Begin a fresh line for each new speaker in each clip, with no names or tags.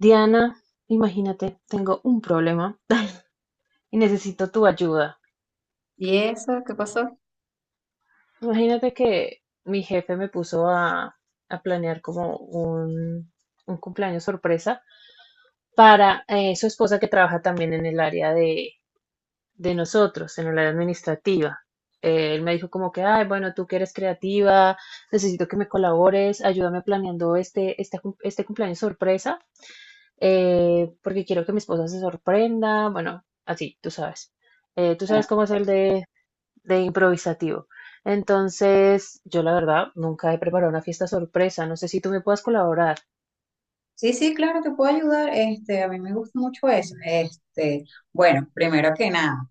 Diana, imagínate, tengo un problema y necesito tu ayuda.
¿Y eso? ¿Qué pasó?
Imagínate que mi jefe me puso a, planear como un, cumpleaños sorpresa para su esposa que trabaja también en el área de, nosotros, en el área administrativa. Él me dijo como que, ay, bueno, tú que eres creativa, necesito que me colabores, ayúdame planeando este cumpleaños sorpresa porque quiero que mi esposa se sorprenda, bueno, así, tú sabes. Tú
Ah,
sabes cómo es el de, improvisativo. Entonces, yo la verdad nunca he preparado una fiesta sorpresa, no sé si tú me puedas colaborar.
sí, sí, claro, te puedo ayudar. Este, a mí me gusta mucho eso. Este, bueno, primero que nada,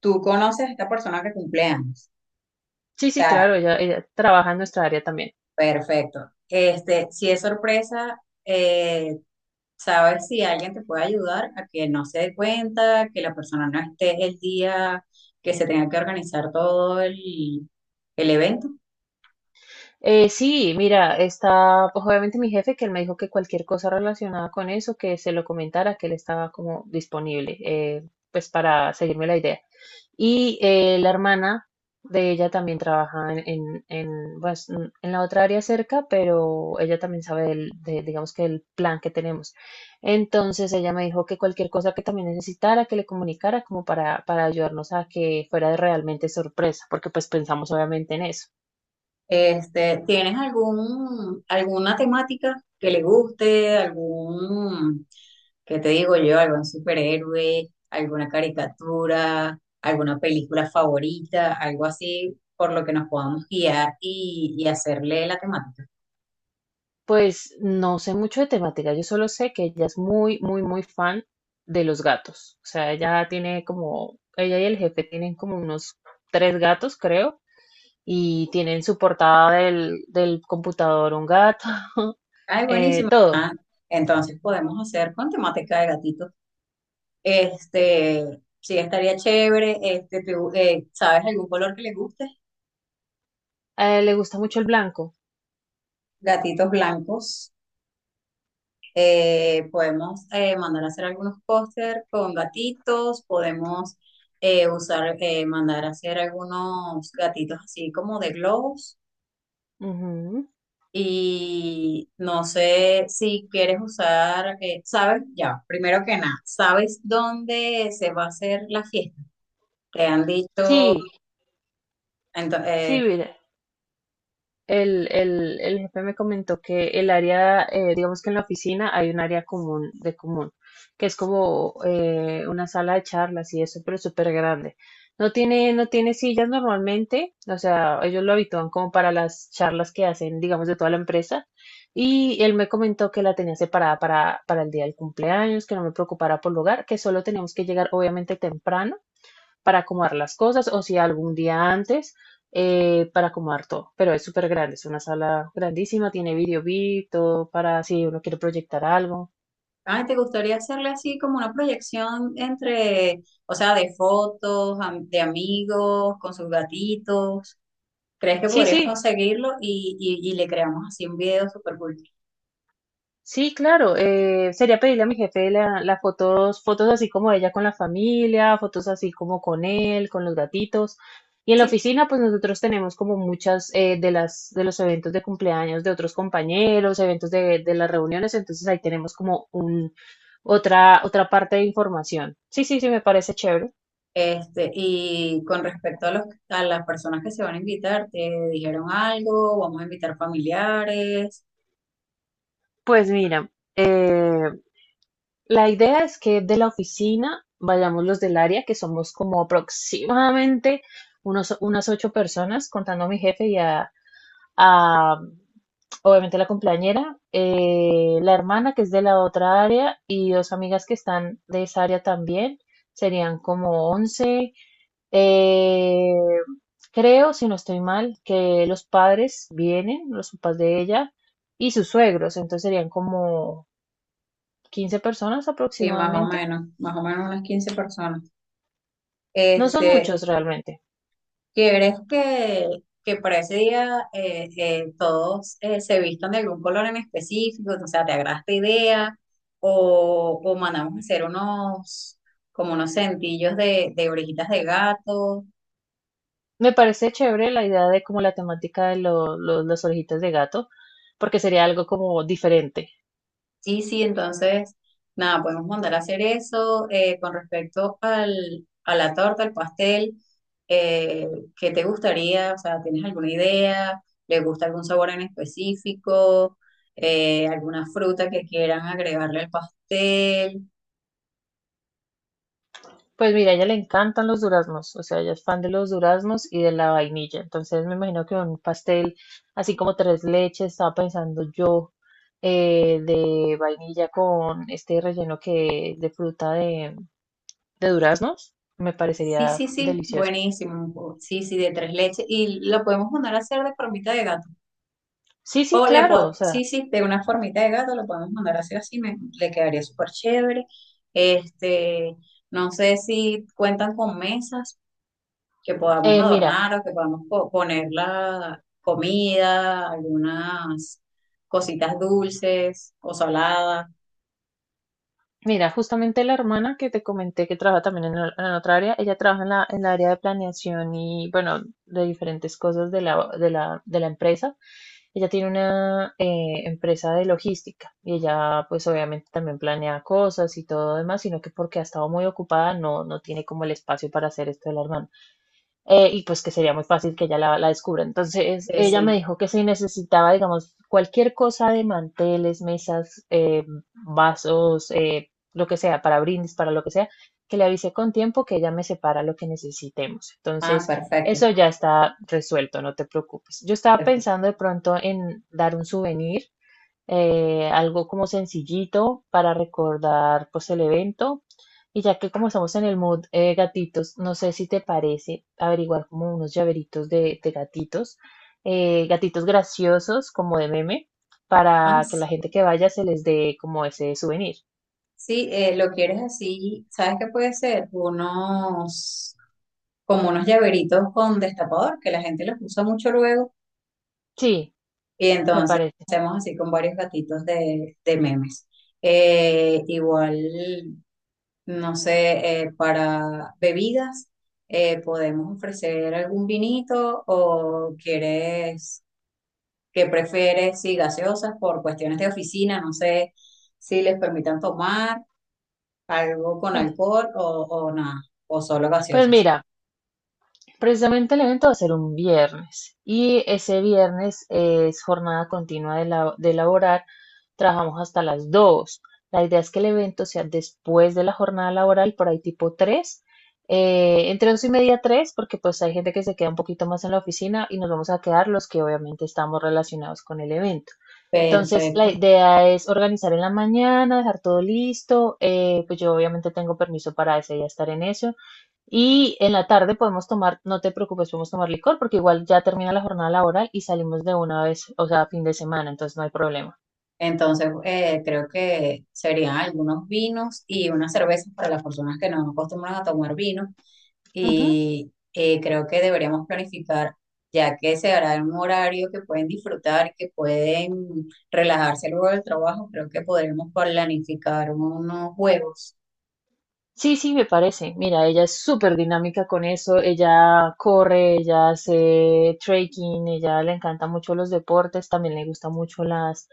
tú conoces a esta persona que cumple años.
Sí,
O
sí,
sea,
claro, ella trabaja en nuestra área también.
perfecto. Este, si es sorpresa, eh, sabes si alguien te puede ayudar a que no se dé cuenta, que la persona no esté el día que se tenga que organizar todo el evento.
Sí, mira, está pues, obviamente mi jefe que él me dijo que cualquier cosa relacionada con eso, que se lo comentara, que él estaba como disponible, pues para seguirme la idea. Y la hermana de ella también trabaja en, pues, en la otra área cerca, pero ella también sabe digamos que del plan que tenemos. Entonces ella me dijo que cualquier cosa que también necesitara, que le comunicara como para, ayudarnos a que fuera realmente sorpresa, porque pues pensamos obviamente en eso.
Este, ¿tienes algún, alguna temática que le guste? ¿Algún, qué te digo yo? ¿Algún superhéroe? ¿Alguna caricatura? ¿Alguna película favorita? Algo así por lo que nos podamos guiar y hacerle la temática.
Pues no sé mucho de temática, yo solo sé que ella es muy, muy, muy fan de los gatos. O sea, ella y el jefe tienen como unos tres gatos, creo, y tiene en su portada del computador un gato,
Ay, buenísimo.
todo.
Entonces podemos hacer con temática de gatitos. Este, sí, estaría chévere. Este, ¿sabes algún color que le guste?
A él le gusta mucho el blanco.
Gatitos blancos. Podemos mandar a hacer algunos póster con gatitos, podemos usar, mandar a hacer algunos gatitos así como de globos.
Ujú.
Y no sé si quieres usar, sabes, ya, primero que nada, ¿sabes dónde se va a hacer la fiesta? Te han dicho,
Sí,
ento-
sí,
eh,
mira, el jefe me comentó que el área, digamos que en la oficina hay un área común de común, que es como una sala de charlas y eso, pero es súper grande. No tiene sillas normalmente, o sea, ellos lo habitúan como para las charlas que hacen, digamos, de toda la empresa. Y él me comentó que la tenía separada para, el día del cumpleaños, que no me preocupara por lugar, que solo teníamos que llegar obviamente temprano para acomodar las cosas o si algún día antes para acomodar todo. Pero es súper grande, es una sala grandísima, tiene video beat, todo para si uno quiere proyectar algo.
ay, ¿te gustaría hacerle así como una proyección entre, o sea, de fotos, de amigos, con sus gatitos? ¿Crees que
Sí,
podrías
sí,
conseguirlo? Y le creamos así un video súper cool.
sí, claro. Sería pedirle a mi jefe la, las fotos, fotos así como ella con la familia, fotos así como con él, con los gatitos. Y en la oficina, pues nosotros tenemos como muchas de los eventos de cumpleaños de otros compañeros, eventos de las reuniones, entonces ahí tenemos como otra parte de información. Sí, sí, sí, me parece chévere.
Este, y con respecto a a las personas que se van a invitar, ¿te dijeron algo? ¿Vamos a invitar familiares?
Pues mira, eh, la idea es que de la oficina vayamos los del área, que somos como aproximadamente unas ocho personas, contando a mi jefe y a, obviamente la compañera, la hermana que es de la otra área y dos amigas que están de esa área también, serían como 11. Eh, creo, si no estoy mal, que los padres vienen, los papás de ella y sus suegros, entonces serían como 15 personas
Sí,
aproximadamente.
más o menos unas 15 personas.
No son
Este,
muchos realmente.
¿quieres que, que para ese día todos se vistan de algún color en específico? O sea, ¿te agrada esta idea? O mandamos a hacer unos, como unos cintillos de orejitas de gato?
Me parece chévere la idea de como la temática de las orejitas de gato, porque sería algo como diferente.
Sí, sí, entonces, nada, podemos mandar a hacer eso. Con respecto al, a la torta, al pastel, eh, ¿qué te gustaría? O sea, ¿tienes alguna idea? ¿Le gusta algún sabor en específico? ¿Alguna fruta que quieran agregarle al pastel?
Pues mira, a ella le encantan los duraznos, o sea, ella es fan de los duraznos y de la vainilla. Entonces me imagino que un pastel así como tres leches, estaba pensando yo, de vainilla con este relleno que es de fruta de duraznos, me
Sí,
parecería
sí, sí,
delicioso.
buenísimo. Sí, sí, de tres leches. Y lo podemos mandar a hacer de formita de gato.
Sí, sí, claro, o sea,
Sí, sí, de una formita de gato lo podemos mandar así, así, le quedaría súper chévere. Este, no sé si cuentan con mesas que podamos
mira,
adornar o que podamos poner la comida, algunas cositas dulces o saladas.
justamente la hermana que te comenté que trabaja también en otra área, ella trabaja en la área de planeación y bueno, de diferentes cosas de la empresa. Ella tiene una empresa de logística y ella pues obviamente también planea cosas y todo demás, sino que porque ha estado muy ocupada no tiene como el espacio para hacer esto de la hermana, y pues que sería muy fácil que ella la descubra. Entonces
Sí,
ella me
sí.
dijo que si necesitaba, digamos, cualquier cosa de manteles, mesas, vasos, lo que sea, para brindis, para lo que sea, que le avise con tiempo que ella me separa lo que necesitemos.
Ah,
Entonces
perfecto,
eso ya está resuelto, no te preocupes. Yo estaba
perfecto.
pensando de pronto en dar un souvenir, algo como sencillito para recordar pues el evento. Y ya que como estamos en el mood, gatitos, no sé si te parece averiguar como unos llaveritos de gatitos, gatitos graciosos como de meme,
Ay,
para que
sí.
la gente que vaya se les dé como ese souvenir.
Sí, lo quieres así, ¿sabes qué puede ser? Unos, como unos llaveritos con destapador, que la gente los usa mucho luego.
Sí,
Y
me
entonces
parece.
hacemos así con varios gatitos de memes. Igual, no sé, para bebidas, podemos ofrecer algún vinito o quieres, que prefieres, sí, gaseosas por cuestiones de oficina, no sé si les permitan tomar algo con
Pues,
alcohol o nada, o solo
pues
gaseosas.
mira. Precisamente el evento va a ser un viernes y ese viernes es jornada continua de laborar. Trabajamos hasta las dos. La idea es que el evento sea después de la jornada laboral, por ahí tipo tres, entre 2 y media 3 porque pues hay gente que se queda un poquito más en la oficina y nos vamos a quedar los que obviamente estamos relacionados con el evento. Entonces, la
Perfecto.
idea es organizar en la mañana, dejar todo listo. Pues yo obviamente tengo permiso para ese día estar en eso. Y en la tarde podemos tomar, no te preocupes, podemos tomar licor porque igual ya termina la jornada laboral y salimos de una vez, o sea, fin de semana, entonces no hay problema.
Entonces, creo que serían algunos vinos y unas cervezas para las personas que no acostumbran a tomar vino.
Ujú.
Y creo que deberíamos planificar, ya que se hará en un horario que pueden disfrutar, que pueden relajarse luego del trabajo, creo que podremos planificar unos juegos.
Sí, sí, me parece. Mira, ella es súper dinámica con eso. Ella corre, ella hace trekking, ella le encanta mucho los deportes, también le gustan mucho las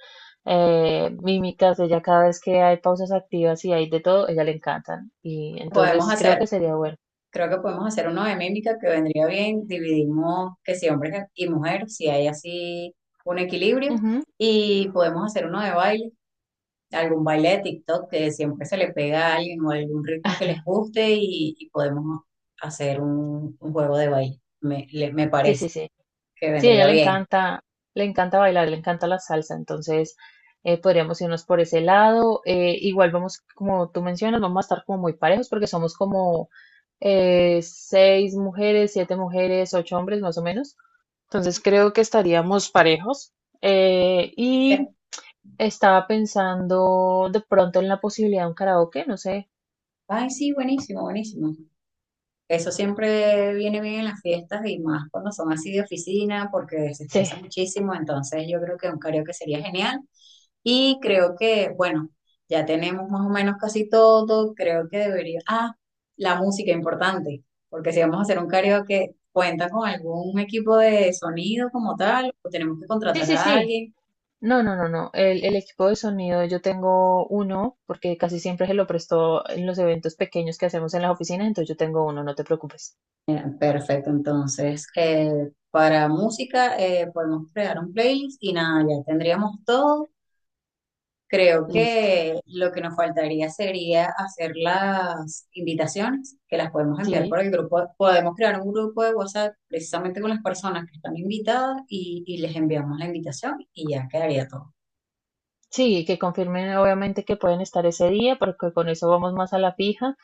mímicas. Ella cada vez que hay pausas activas y hay de todo, ella le encantan. Y
Podemos
entonces creo
hacer,
que sería bueno.
creo que podemos hacer uno de mímica que vendría bien. Dividimos que si hombres y mujeres, si hay así un equilibrio.
Ujú.
Y podemos hacer uno de baile, algún baile de TikTok que siempre se le pega a alguien o algún ritmo que les guste y podemos hacer un juego de baile. Me
Sí, sí,
parece
sí.
que
Sí, a ella
vendría bien.
le encanta bailar, le encanta la salsa, entonces podríamos irnos por ese lado. Igual vamos, como tú mencionas, vamos a estar como muy parejos porque somos como seis mujeres, siete mujeres, ocho hombres más o menos. Entonces creo que estaríamos parejos. Eh,
Eh,
y estaba pensando de pronto en la posibilidad de un karaoke, no sé.
Ay, sí, buenísimo, buenísimo. Eso siempre viene bien en las fiestas y más cuando son así de oficina porque se
Sí,
estresa muchísimo, entonces yo creo que un karaoke sería genial y creo que, bueno, ya tenemos más o menos casi todo, creo que debería... Ah, la música importante, porque si vamos a hacer un karaoke, ¿cuenta con algún equipo de sonido como tal o tenemos que
sí,
contratar
sí,
a
sí.
alguien?
No, no, no, no. El equipo de sonido, yo tengo uno, porque casi siempre se lo prestó en los eventos pequeños que hacemos en las oficinas, entonces yo tengo uno, no te preocupes.
Perfecto, entonces para música podemos crear un playlist y nada, ya tendríamos todo. Creo
Listo.
que lo que nos faltaría sería hacer las invitaciones, que las podemos enviar por
Sí,
el grupo. Podemos crear un grupo de WhatsApp precisamente con las personas que están invitadas y les enviamos la invitación y ya quedaría todo.
sí, que confirmen obviamente que pueden estar ese día, porque con eso vamos más a la fija.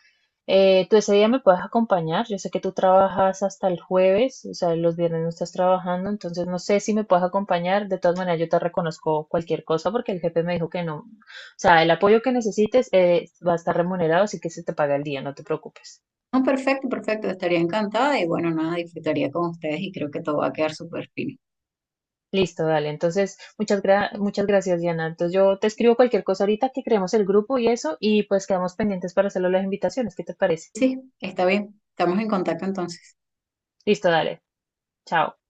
¿Tú ese día me puedes acompañar? Yo sé que tú trabajas hasta el jueves, o sea, los viernes no estás trabajando, entonces no sé si me puedes acompañar. De todas maneras, yo te reconozco cualquier cosa porque el jefe me dijo que no. O sea, el apoyo que necesites, va a estar remunerado, así que se te paga el día, no te preocupes.
No, perfecto, perfecto. Estaría encantada y bueno, nada, disfrutaría con ustedes y creo que todo va a quedar súper fino.
Listo, dale. Entonces, muchas gracias, Diana. Entonces, yo te escribo cualquier cosa ahorita que creemos el grupo y eso, y pues quedamos pendientes para hacerlo las invitaciones. ¿Qué te parece?
Sí, está bien. Estamos en contacto entonces.
Listo, dale. Chao.